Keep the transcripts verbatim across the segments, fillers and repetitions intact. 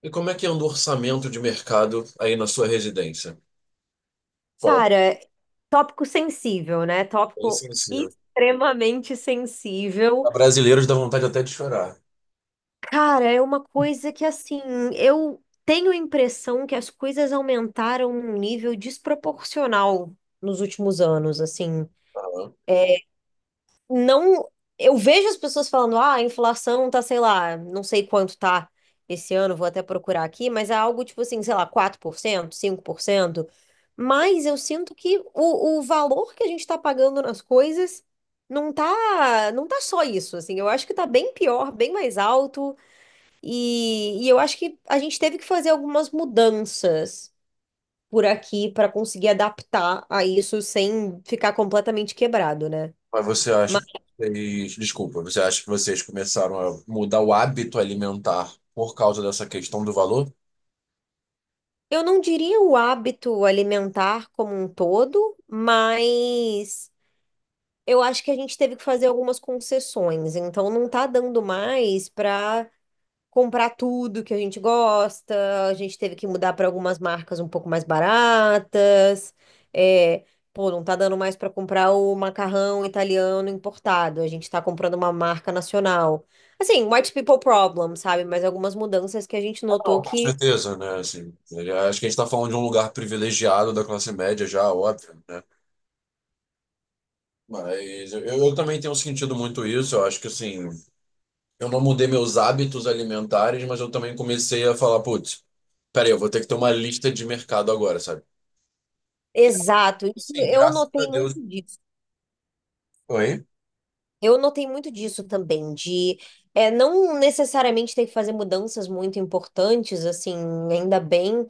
E como é que anda o orçamento de mercado aí na sua residência? Fala Cara, tópico sensível, né? bem Tópico sensível. extremamente sensível. A brasileiros dá vontade até de chorar. Cara, é uma coisa que, assim, eu tenho a impressão que as coisas aumentaram num nível desproporcional nos últimos anos, assim. Tá? Não. Eu vejo as pessoas falando, ah, a inflação tá, sei lá, não sei quanto tá esse ano, vou até procurar aqui, mas é algo tipo assim, sei lá, quatro por cento cinco por cento. Mas eu sinto que o, o valor que a gente tá pagando nas coisas não tá, não tá só isso, assim. Eu acho que tá bem pior, bem mais alto, e, e eu acho que a gente teve que fazer algumas mudanças por aqui para conseguir adaptar a isso sem ficar completamente quebrado, né? Mas você acha que vocês... Desculpa, você acha que vocês começaram a mudar o hábito alimentar por causa dessa questão do valor? Eu não diria o hábito alimentar como um todo, mas eu acho que a gente teve que fazer algumas concessões. Então, não tá dando mais para comprar tudo que a gente gosta. A gente teve que mudar para algumas marcas um pouco mais baratas. É, pô, não tá dando mais para comprar o macarrão italiano importado. A gente tá comprando uma marca nacional. Assim, white people problem, sabe? Mas algumas mudanças que a gente notou Não, com que. certeza, né? Assim, eu acho que a gente está falando de um lugar privilegiado da classe média já, óbvio, né? Mas eu, eu também tenho sentido muito isso. Eu acho que, assim, eu não mudei meus hábitos alimentares, mas eu também comecei a falar, putz, peraí, eu vou ter que ter uma lista de mercado agora, sabe? Exato, isso Assim, eu graças a notei muito Deus. disso. Oi? Eu notei muito disso também, de é, não necessariamente ter que fazer mudanças muito importantes, assim, ainda bem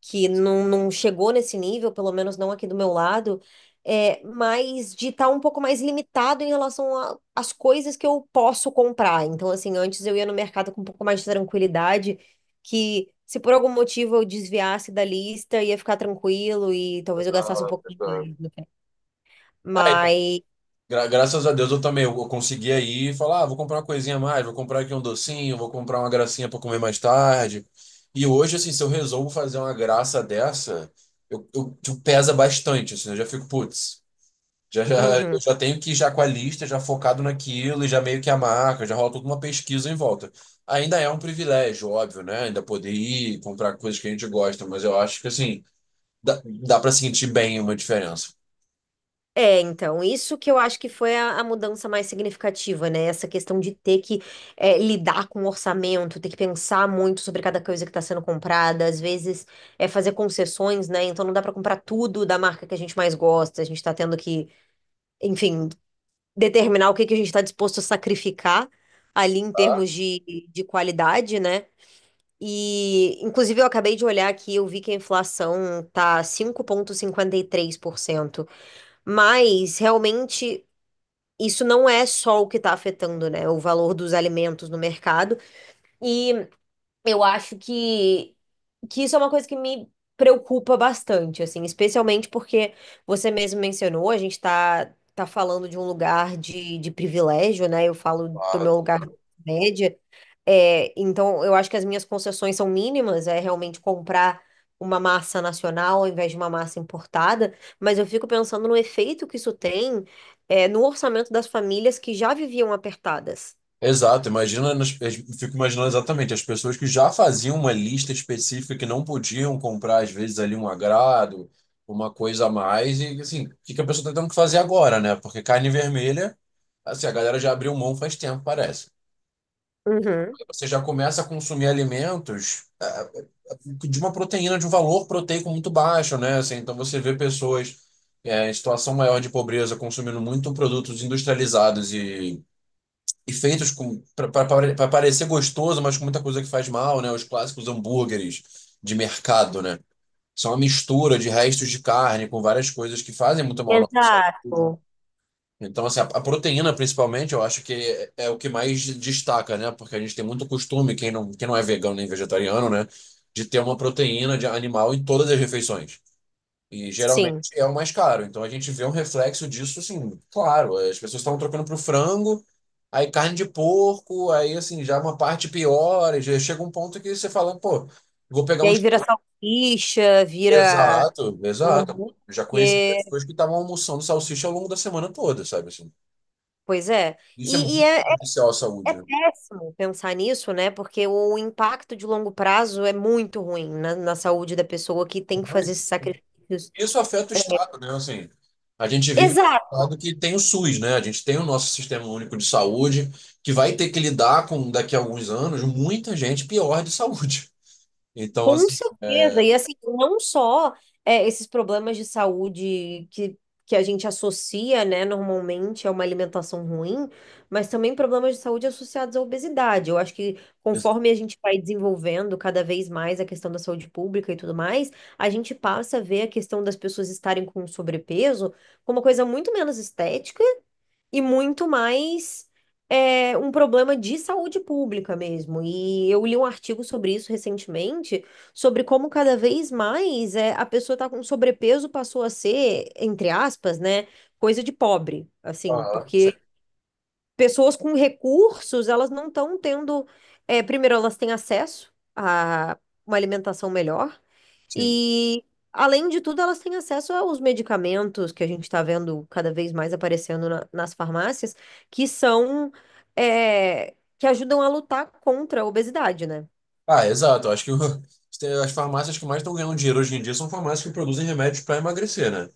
que não, não chegou nesse nível, pelo menos não aqui do meu lado, é, mas de estar um pouco mais limitado em relação a- às coisas que eu posso comprar. Então, assim, antes eu ia no mercado com um pouco mais de tranquilidade, que se por algum motivo eu desviasse da lista, ia ficar tranquilo e talvez eu gastasse um Essa- pouco mais essa- no final. É, então. Mas gra- Graças a Deus eu também eu eu consegui aí e falar, ah, vou comprar uma coisinha a mais, vou comprar aqui um docinho, vou comprar uma gracinha para comer mais tarde. E hoje, assim, se eu resolvo fazer uma graça dessa, eu, eu, tipo, pesa bastante, assim, eu já fico, putz. Já, já, eu uhum. já tenho que ir já com a lista, já focado naquilo e já meio que a marca, já rola toda uma pesquisa em volta. Ainda é um privilégio, óbvio, né? Ainda poder ir comprar coisas que a gente gosta, mas eu acho que assim, dá, dá para sentir bem uma diferença. É, então, isso que eu acho que foi a, a mudança mais significativa, né? Essa questão de ter que é, lidar com o orçamento, ter que pensar muito sobre cada coisa que está sendo comprada, às vezes é fazer concessões, né? Então não dá para comprar tudo da marca que a gente mais gosta, a gente está tendo que, enfim, determinar o que que a gente está disposto a sacrificar ali em Tá? termos de, de qualidade, né? E, inclusive, eu acabei de olhar aqui, eu vi que a inflação tá cinco vírgula cinquenta e três por cento. Mas realmente isso não é só o que está afetando, né, o valor dos alimentos no mercado. E eu acho que, que isso é uma coisa que me preocupa bastante, assim, especialmente porque você mesmo mencionou, a gente tá, tá falando de um lugar de, de privilégio, né? Eu falo do Claro. meu lugar de média. É, então, eu acho que as minhas concessões são mínimas, é realmente comprar uma massa nacional ao invés de uma massa importada, mas eu fico pensando no efeito que isso tem, é, no orçamento das famílias que já viviam apertadas. Exato, imagina, nas- eu fico imaginando exatamente as pessoas que já faziam uma lista específica que não podiam comprar, às vezes, ali um agrado, uma coisa a mais, e assim, o que que a pessoa está tendo que fazer agora, né? Porque carne vermelha, assim, a galera já abriu mão faz tempo, parece. Uhum. Você já começa a consumir alimentos ah, de uma proteína, de um valor proteico muito baixo, né? Assim, então você vê pessoas eh, em situação maior de pobreza consumindo muito produtos industrializados e, e feitos para parecer gostoso, mas com muita coisa que faz mal, né? Os clássicos hambúrgueres de mercado, né? São uma mistura de restos de carne com várias coisas que fazem muito mal à nossa saúde. Exato. Então, assim, a, a proteína, principalmente, eu acho que é, é o que mais destaca, né? Porque a gente tem muito costume, quem não, quem não é vegano nem vegetariano, né? De ter uma proteína de animal em todas as refeições. E geralmente Sim. é o mais caro. Então a gente vê um reflexo disso, assim, claro. As pessoas estavam trocando pro frango, aí carne de porco, aí, assim, já uma parte pior. E já chega um ponto que você fala, pô, vou pegar E um. aí vira salsicha, vira. Exato, exato. Hambúrguer. Eu já conheci pessoas que estavam almoçando salsicha ao longo da semana toda, sabe? Assim? Pois é. Isso é E, e muito é, é- prejudicial à É saúde, né? péssimo pensar nisso, né? Porque o impacto de longo prazo é muito ruim na, na saúde da pessoa que tem que fazer esses sacrifícios. Isso afeta o Estado, né? Assim, a gente vive num Exato. estado que tem o suss, né? A gente tem o nosso sistema único de saúde, que vai ter que lidar com, daqui a alguns anos, muita gente pior de saúde. Então, Com assim. certeza. E assim, não só é, esses problemas de saúde que, que a gente associa, né, normalmente a uma alimentação ruim, mas também problemas de saúde associados à obesidade. Eu acho que ex- conforme a gente vai desenvolvendo cada vez mais a questão da saúde pública e tudo mais, a gente passa a ver a questão das pessoas estarem com sobrepeso como uma coisa muito menos estética e muito mais é, um problema de saúde pública mesmo. E eu li um artigo sobre isso recentemente, sobre como cada vez mais é, a pessoa está com sobrepeso passou a ser, entre aspas, né, coisa de pobre, assim, Aham, sim. porque pessoas com recursos, elas não estão tendo, é, primeiro, elas têm acesso a uma alimentação melhor. Sim. E, além de tudo, elas têm acesso aos medicamentos que a gente está vendo cada vez mais aparecendo na- nas farmácias, que são, é, que ajudam a lutar contra a obesidade, né? Ah, exato. Acho que o- as farmácias que mais estão ganhando dinheiro hoje em dia são farmácias que produzem remédios para emagrecer, né?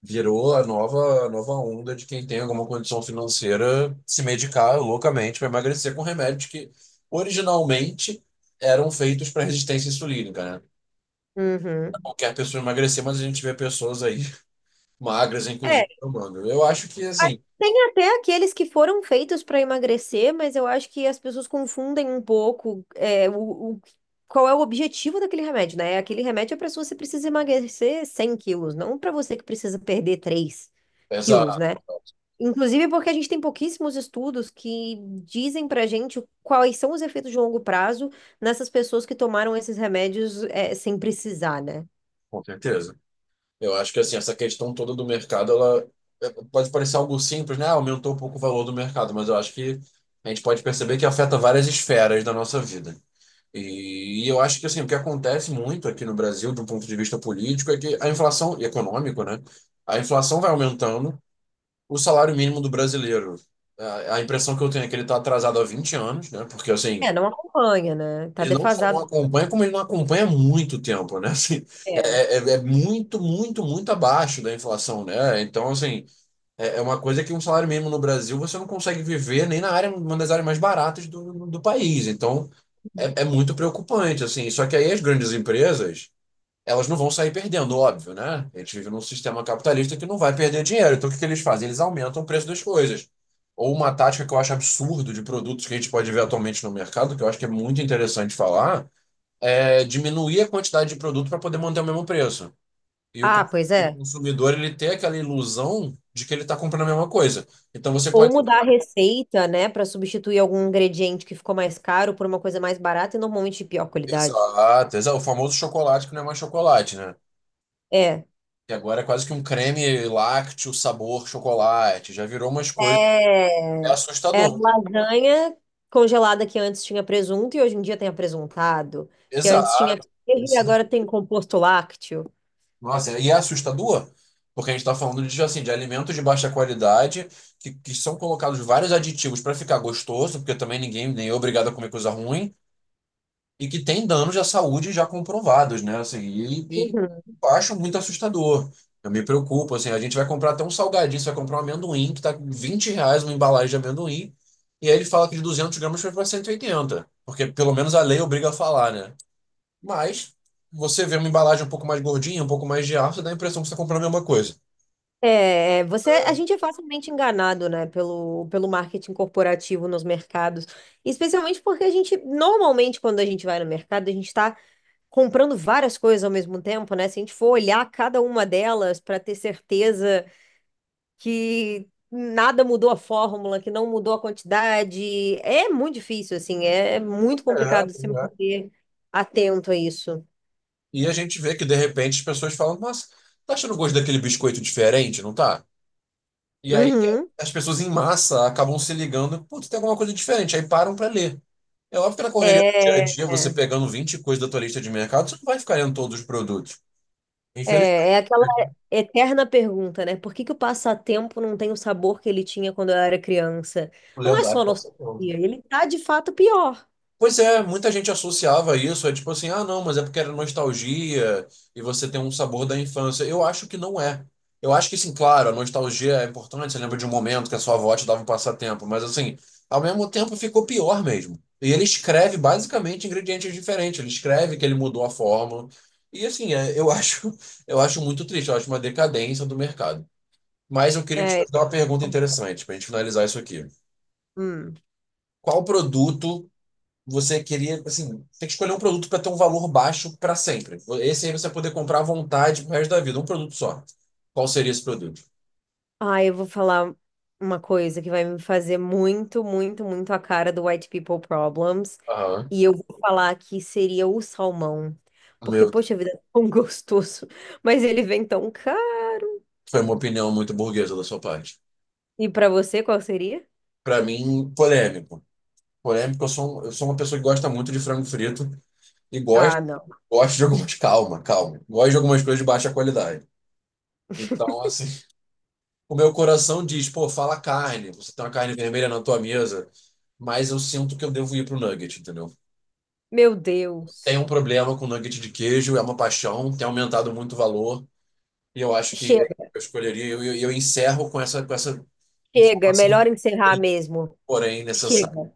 Virou a nova, a nova onda de quem tem alguma condição financeira se medicar loucamente para emagrecer com remédios que originalmente eram feitos para resistência insulínica, né? Uhum. Qualquer pessoa emagrecer, mas a gente vê pessoas aí magras, É, inclusive, tomando. Eu acho que, assim, tem até aqueles que foram feitos para emagrecer, mas eu acho que as pessoas confundem um pouco é, o, o- qual é o objetivo daquele remédio, né? Aquele remédio é para se você precisa emagrecer cem quilos, não para você que precisa perder três quilos, essa, né? Inclusive porque a gente tem pouquíssimos estudos que dizem pra gente quais são os efeitos de longo prazo nessas pessoas que tomaram esses remédios é, sem precisar, né? Com certeza. Eu acho que, assim, essa questão toda do mercado, ela é, pode parecer algo simples, né? Ah, aumentou um pouco o valor do mercado, mas eu acho que a gente pode perceber que afeta várias esferas da nossa vida. E, e eu acho que assim, o que acontece muito aqui no Brasil, do ponto de vista político, é que a inflação, e econômico, né? A inflação vai aumentando, o salário mínimo do brasileiro. A, a impressão que eu tenho é que ele está atrasado há vinte anos, né? Porque assim, É, não acompanha, né? Tá ele não só não defasado. acompanha, como ele não acompanha há muito tempo, né? Assim, é, É. é, é é muito, muito, muito abaixo da inflação, né? Então, assim, é, é uma coisa que um salário mínimo no Brasil você não consegue viver nem na área, uma das áreas mais baratas do, do país. Então, é, é muito preocupante, assim. Só que aí as grandes empresas, elas não vão sair perdendo, óbvio, né? A gente vive num sistema capitalista que não vai perder dinheiro. Então, o que que eles fazem? Eles aumentam o preço das coisas. Ou uma tática que eu acho absurdo de produtos que a gente pode ver atualmente no mercado, que eu acho que é muito interessante falar, é diminuir a quantidade de produto para poder manter o mesmo preço. E o con- Ah, pois o é. consumidor, ele tem aquela ilusão de que ele está comprando a mesma coisa. Então, você Ou pode... mudar a receita, né, pra substituir algum ingrediente que ficou mais caro por uma coisa mais barata e normalmente de pior qualidade. Exato, exato. O famoso chocolate que não é mais chocolate, né? É. E agora é quase que um creme lácteo, sabor chocolate. Já virou umas coisas. É, É era assustador. lasanha congelada que antes tinha presunto e hoje em dia tem apresuntado, que antes tinha Exato. queijo e Esse- agora tem composto lácteo. Nossa, e é assustador, porque a gente está falando de, assim, de alimentos de baixa qualidade, que, que são colocados vários aditivos para ficar gostoso, porque também ninguém nem é obrigado a comer coisa ruim, e que tem danos à saúde já comprovados, né? Assim, e, e Uhum. eu acho muito assustador. Eu me preocupo, assim, a gente vai comprar até um salgadinho, você vai comprar um amendoim que tá com vinte reais uma embalagem de amendoim, e aí ele fala que de duzentos gramas foi para cento e oitenta, porque pelo menos a lei obriga a falar, né? Mas você vê uma embalagem um pouco mais gordinha, um pouco mais de ar, você dá a impressão que você está comprando a mesma coisa. É, você, a gente é facilmente enganado, né, pelo, pelo marketing corporativo nos mercados, especialmente porque a gente, normalmente, quando a gente vai no mercado, a gente está comprando várias coisas ao mesmo tempo, né? Se a gente for olhar cada uma delas para ter certeza que nada mudou a fórmula, que não mudou a quantidade, é muito difícil, assim, é é muito É, complicado se pois é. manter atento a isso. E a gente vê que de repente as pessoas falam, mas tá achando o gosto daquele biscoito diferente, não tá? E aí que Uhum. as pessoas em massa acabam se ligando, putz, tem alguma coisa diferente, aí param para ler. É óbvio que na correria do dia a É, dia, você pegando vinte coisas da tua lista de mercado, você não vai ficar lendo todos os produtos. é, Infelizmente, é aquela eterna pergunta, né? Por que que o passatempo não tem o sabor que ele tinha quando eu era criança? o Não é lendário só passa nostalgia, por. ele tá de fato pior. Pois é, muita gente associava isso, é tipo assim, ah, não, mas é porque era nostalgia e você tem um sabor da infância. Eu acho que não é. Eu acho que, sim, claro, a nostalgia é importante, você lembra de um momento que a sua avó te dava um passatempo, mas assim, ao mesmo tempo ficou pior mesmo. E ele escreve basicamente ingredientes diferentes, ele escreve que ele mudou a fórmula. E assim, é, eu acho, eu acho muito triste, eu acho uma decadência do mercado. Mas eu queria te É, é, fazer uma pergunta interessante para a gente finalizar isso aqui. hum. Qual produto você queria, assim, tem que escolher um produto para ter um valor baixo para sempre. Esse aí você vai poder comprar à vontade pro resto da vida, um produto só. Qual seria esse produto? Ah, eu vou falar uma coisa que vai me fazer muito, muito, muito a cara do White People Problems. Aham. E eu vou falar que seria o salmão. Porque, Meu, poxa vida, é tão gostoso. Mas ele vem tão caro. foi uma opinião muito burguesa da sua parte. E pra você, qual seria? Para mim, polêmico. Polêmico, eu sou, um- eu sou uma pessoa que gosta muito de frango frito e Ah, gosto, não. gosto de algumas. Calma, calma. Gosto de algumas coisas de baixa qualidade. Então, assim, o meu coração diz, pô, fala carne, você tem uma carne vermelha na tua mesa, mas eu sinto que eu devo ir pro nugget, entendeu? Meu Tem um Deus. problema com nugget de queijo, é uma paixão, tem aumentado muito o valor, e eu acho que Chega, eu escolheria, e eu, eu, encerro com essa, com essa chega. É informação, melhor encerrar mesmo. porém necessária. Chega.